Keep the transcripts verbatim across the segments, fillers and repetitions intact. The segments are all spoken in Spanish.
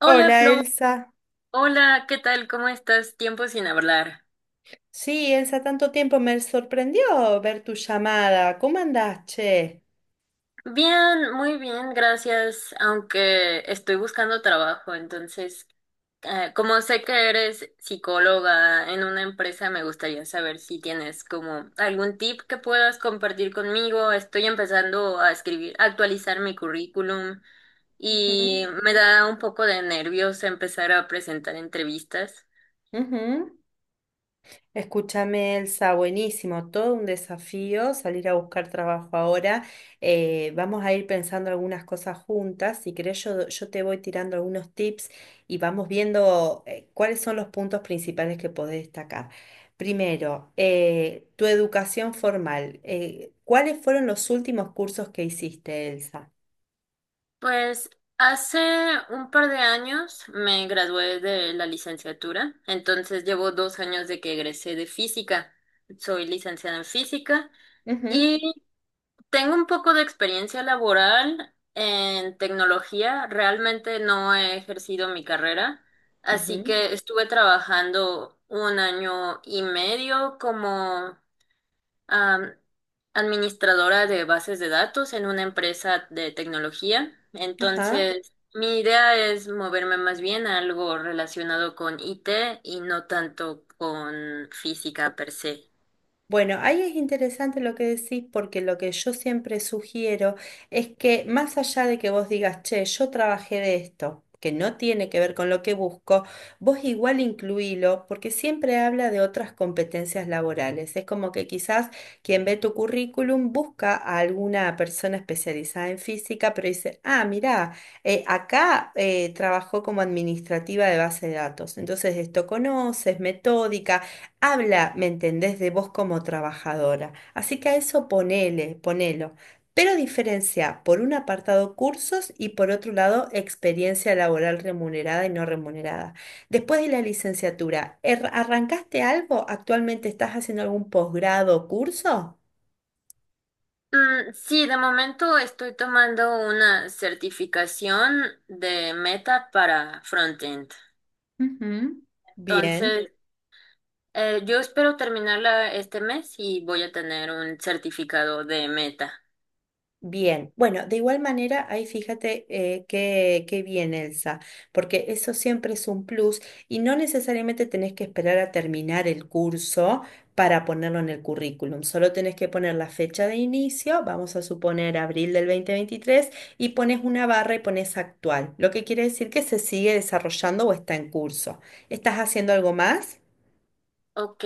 Hola Hola Flo, Elsa. hola, ¿qué tal? ¿Cómo estás? Tiempo sin hablar. Sí, Elsa, tanto tiempo me sorprendió ver tu llamada. ¿Cómo andás, che? Bien, muy bien, gracias, aunque estoy buscando trabajo, entonces, eh, como sé que eres psicóloga en una empresa, me gustaría saber si tienes como algún tip que puedas compartir conmigo. Estoy empezando a escribir, a actualizar mi currículum y Ujú, me da un poco de nervios empezar a presentar entrevistas. ujú. Escúchame, Elsa, buenísimo, todo un desafío salir a buscar trabajo ahora. Eh, vamos a ir pensando algunas cosas juntas. Si querés, yo, yo te voy tirando algunos tips y vamos viendo eh, cuáles son los puntos principales que podés destacar. Primero, eh, tu educación formal. Eh, ¿cuáles fueron los últimos cursos que hiciste, Elsa? Pues hace un par de años me gradué de la licenciatura, entonces llevo dos años de que egresé de física. Soy licenciada en física Ujú, y tengo un poco de experiencia laboral en tecnología. Realmente no he ejercido mi carrera, así ujú. que estuve trabajando un año y medio como am, administradora de bases de datos en una empresa de tecnología. Ajá. Entonces, mi idea es moverme más bien a algo relacionado con I T y no tanto con física per se. Bueno, ahí es interesante lo que decís porque lo que yo siempre sugiero es que más allá de que vos digas, che, yo trabajé de esto, que no tiene que ver con lo que busco, vos igual incluílo porque siempre habla de otras competencias laborales. Es como que quizás quien ve tu currículum busca a alguna persona especializada en física, pero dice, ah, mirá, eh, acá eh, trabajó como administrativa de base de datos, entonces esto conoces, metódica habla, ¿me entendés?, de vos como trabajadora. Así que a eso ponele, ponelo. Pero diferencia por un apartado cursos y por otro lado experiencia laboral remunerada y no remunerada. Después de la licenciatura, ¿er- ¿arrancaste algo? ¿Actualmente estás haciendo algún posgrado o curso? Mm, sí, de momento estoy tomando una certificación de Meta para frontend. Ujú. Bien. Entonces, eh, yo espero terminarla este mes y voy a tener un certificado de Meta. Bien, bueno, de igual manera, ahí fíjate eh, qué, qué bien, Elsa, porque eso siempre es un plus y no necesariamente tenés que esperar a terminar el curso para ponerlo en el currículum, solo tenés que poner la fecha de inicio, vamos a suponer abril del dos mil veintitrés, y pones una barra y pones actual, lo que quiere decir que se sigue desarrollando o está en curso. ¿Estás haciendo algo más? Ok.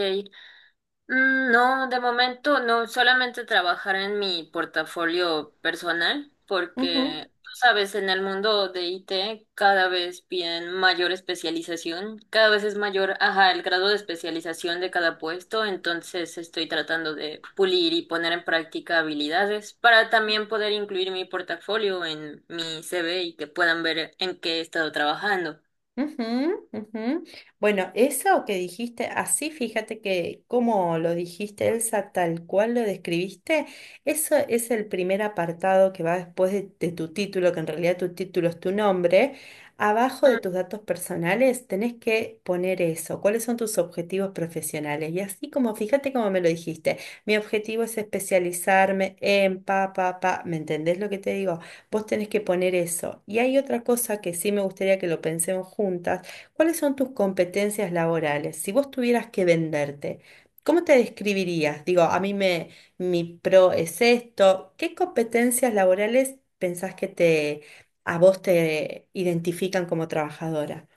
Mm, no, de momento no, solamente trabajar en mi portafolio personal, porque Ujú. tú sabes, en el mundo de I T cada vez piden mayor especialización, cada vez es mayor, ajá, el grado de especialización de cada puesto, entonces estoy tratando de pulir y poner en práctica habilidades para también poder incluir mi portafolio en mi C V y que puedan ver en qué he estado trabajando. Ujú, ujú. Bueno, eso que dijiste, así fíjate que como lo dijiste, Elsa, tal cual lo describiste, eso es el primer apartado que va después de, de tu título, que en realidad tu título es tu nombre. Abajo de tus datos personales tenés que poner eso, cuáles son tus objetivos profesionales. Y así como, fíjate como me lo dijiste, mi objetivo es especializarme en pa, pa, pa, ¿me entendés lo que te digo? Vos tenés que poner eso. Y hay otra cosa que sí me gustaría que lo pensemos juntas. ¿Cuáles son tus competencias laborales? Si vos tuvieras que venderte, ¿cómo te describirías? Digo, a mí me, mi pro es esto. ¿Qué competencias laborales pensás que te, a vos te identifican como trabajadora?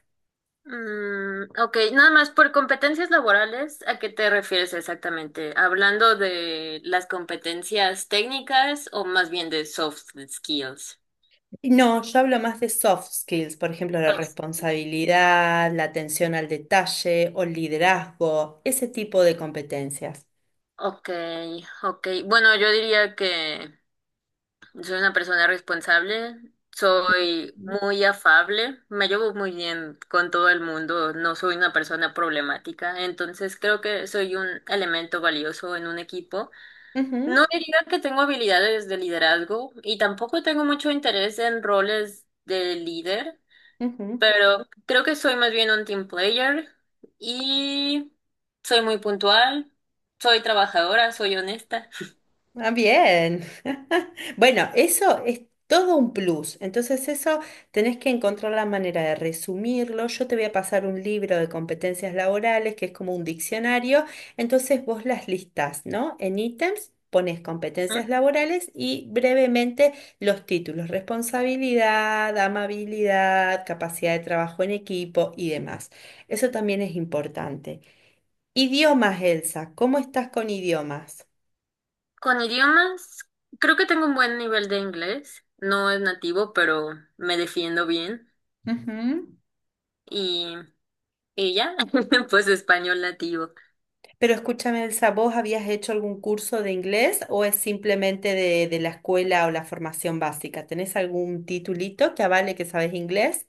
Mm, ok, nada más por competencias laborales, ¿a qué te refieres exactamente? ¿Hablando de las competencias técnicas o más bien de soft skills? Y no, yo hablo más de soft skills, por ejemplo, la Soft. responsabilidad, la atención al detalle o el liderazgo, ese tipo de competencias. Ok, ok. Bueno, yo diría que soy una persona responsable, soy muy afable, me llevo muy bien con todo el mundo, no soy una persona problemática, entonces creo que soy un elemento valioso en un equipo. No Ujú. diría que tengo habilidades de liderazgo y tampoco tengo mucho interés en roles de líder, Ujú. pero creo que soy más bien un team player y soy muy puntual, soy trabajadora, soy honesta. Ah, bien. Bueno, eso es todo un plus. Entonces eso tenés que encontrar la manera de resumirlo. Yo te voy a pasar un libro de competencias laborales que es como un diccionario. Entonces vos las listás, ¿no? En ítems pones ¿Mm? competencias laborales y brevemente los títulos, responsabilidad, amabilidad, capacidad de trabajo en equipo y demás. Eso también es importante. Idiomas, Elsa, ¿cómo estás con idiomas? Con idiomas, creo que tengo un buen nivel de inglés, no es nativo, pero me defiendo bien Ujú. y, y ya, pues español nativo. Pero escúchame, Elsa, ¿vos habías hecho algún curso de inglés o es simplemente de, de la escuela o la formación básica? ¿Tenés algún titulito que avale que sabes inglés?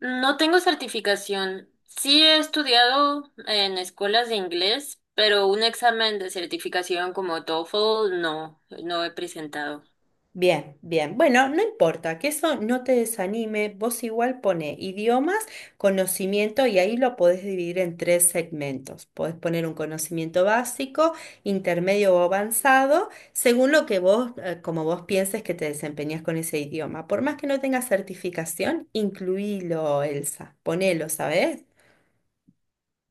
No tengo certificación. Sí he estudiado en escuelas de inglés, pero un examen de certificación como TOEFL no, no he presentado. Bien, bien. Bueno, no importa, que eso no te desanime. Vos igual pone idiomas, conocimiento y ahí lo podés dividir en tres segmentos. Podés poner un conocimiento básico, intermedio o avanzado, según lo que vos, eh, como vos pienses que te desempeñas con ese idioma. Por más que no tengas certificación, incluílo, Elsa. Ponelo, ¿sabes?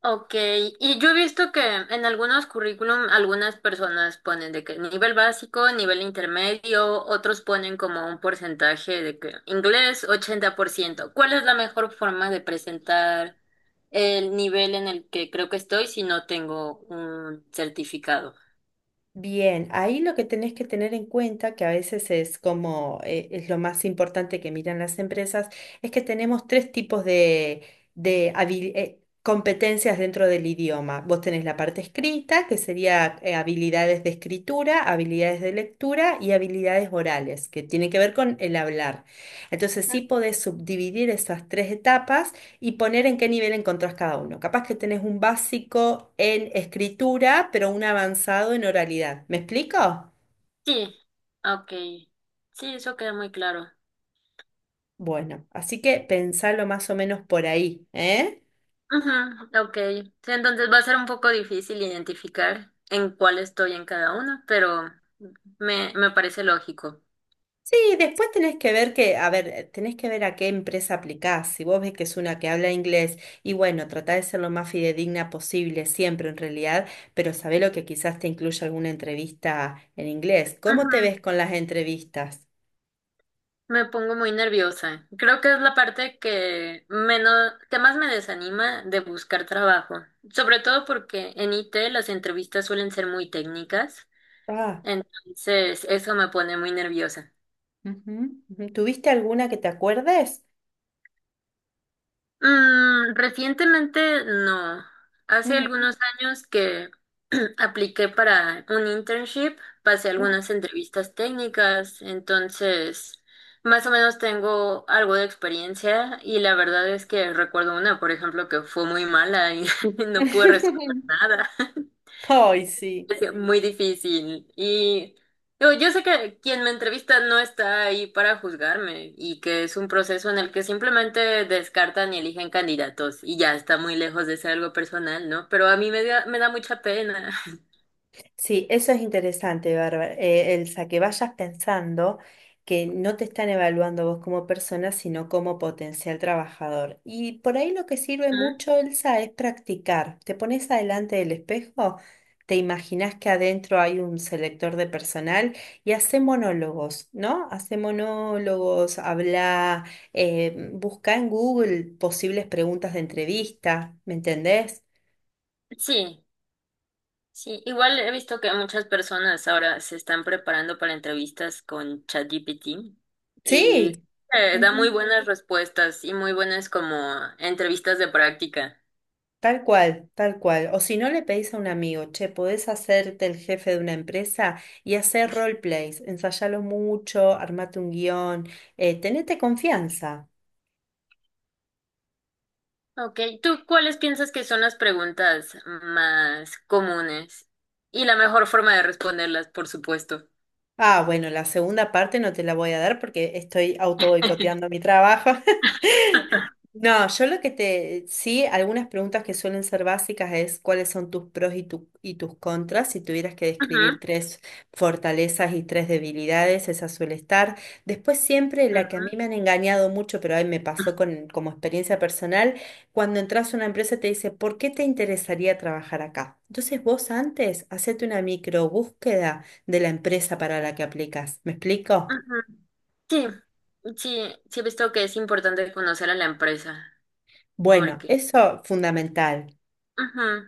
Ok, y yo he visto que en algunos currículum algunas personas ponen de que nivel básico, nivel intermedio, otros ponen como un porcentaje de que inglés ochenta por ciento. ¿Cuál es la mejor forma de presentar el nivel en el que creo que estoy si no tengo un certificado? Bien, ahí lo que tenés que tener en cuenta, que a veces es como eh, es lo más importante que miran las empresas, es que tenemos tres tipos de, de habil- eh, competencias dentro del idioma. Vos tenés la parte escrita, que sería eh, habilidades de escritura, habilidades de lectura y habilidades orales, que tienen que ver con el hablar. Entonces sí podés subdividir esas tres etapas y poner en qué nivel encontrás cada uno. Capaz que tenés un básico en escritura, pero un avanzado en oralidad. ¿Me explico? Sí, ok. Sí, eso queda muy claro. Bueno, así que pensalo más o menos por ahí, ¿eh? Ujú, ok. Sí, entonces va a ser un poco difícil identificar en cuál estoy en cada uno, pero me, me parece lógico. Sí, después tenés que ver que, a ver, tenés que ver a qué empresa aplicás. Si vos ves que es una que habla inglés, y bueno, tratá de ser lo más fidedigna posible, siempre en realidad, pero sabé lo que quizás te incluya alguna entrevista en inglés. ¿Cómo te Ujú. ves con las entrevistas? Me pongo muy nerviosa. Creo que es la parte que menos, que más me desanima de buscar trabajo, sobre todo porque en I T las entrevistas suelen ser muy técnicas, Ah, entonces eso me pone muy nerviosa. ujú, ujú. ¿Tuviste alguna que te acuerdes? Mm, recientemente no. Hace Ujú. algunos años que apliqué para un internship, pasé algunas entrevistas técnicas, entonces más o menos tengo algo de experiencia y la verdad es que recuerdo una, por ejemplo, que fue muy mala y no pude resolver nada. Ay, sí. Es muy difícil. Y yo, yo sé que quien me entrevista no está ahí para juzgarme y que es un proceso en el que simplemente descartan y eligen candidatos y ya está muy lejos de ser algo personal, ¿no? Pero a mí me da, me da mucha pena. Sí, eso es interesante, Bárbara. Eh, el que vayas pensando que no te están evaluando vos como persona, sino como potencial trabajador. Y por ahí lo que sirve Ujú. mucho, Elsa, es practicar. Te pones adelante del espejo, te imaginas que adentro hay un selector de personal y hace monólogos, ¿no? Hace monólogos, habla, eh, busca en Google posibles preguntas de entrevista, ¿me entendés? Sí, sí. Igual he visto que muchas personas ahora se están preparando para entrevistas con ChatGPT y Sí, eh, da muy ujú, buenas respuestas y muy buenas como entrevistas de práctica. tal cual, tal cual. O si no le pedís a un amigo, che, podés hacerte el jefe de una empresa y hacer roleplays, ensayalo mucho, armate un guión, eh, tenete confianza. Ok, ¿tú cuáles piensas que son las preguntas más comunes? Y la mejor forma de responderlas, por supuesto. Ah, bueno, la segunda parte no te la voy a dar porque estoy auto boicoteando mi trabajo. No, yo lo que te, sí, algunas preguntas que suelen ser básicas es cuáles son tus pros y, tu- y tus contras. Si tuvieras que describir Ujú, tres fortalezas y tres debilidades, esa suele estar. Después siempre la que a ujú, mí me han engañado mucho, pero ahí me pasó con, como experiencia personal, cuando entras a una empresa te dice, ¿por qué te interesaría trabajar acá? Entonces vos antes, hacete una micro búsqueda de la empresa para la que aplicas. ¿Me explico? ujú. Sí, sí, sí he visto que es importante conocer a la empresa, Bueno, porque eso fundamental. ujú,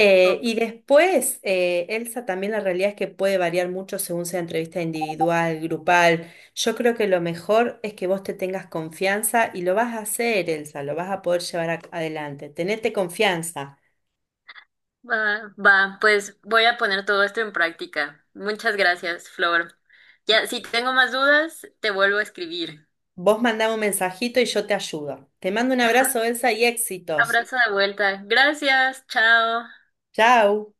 Eh, ok, Y después, eh, Elsa, también la realidad es que puede variar mucho según sea entrevista individual, grupal. Yo creo que lo mejor es que vos te tengas confianza y lo vas a hacer, Elsa, lo vas a poder llevar a- adelante. Tenete confianza. va, va, pues voy a poner todo esto en práctica. Muchas gracias, Flor. Ya, si tengo más dudas, te vuelvo a escribir. Vos mandame un mensajito y yo te ayudo. Te mando un abrazo, Elsa, y éxitos. Abrazo de vuelta. Gracias, chao. Chau.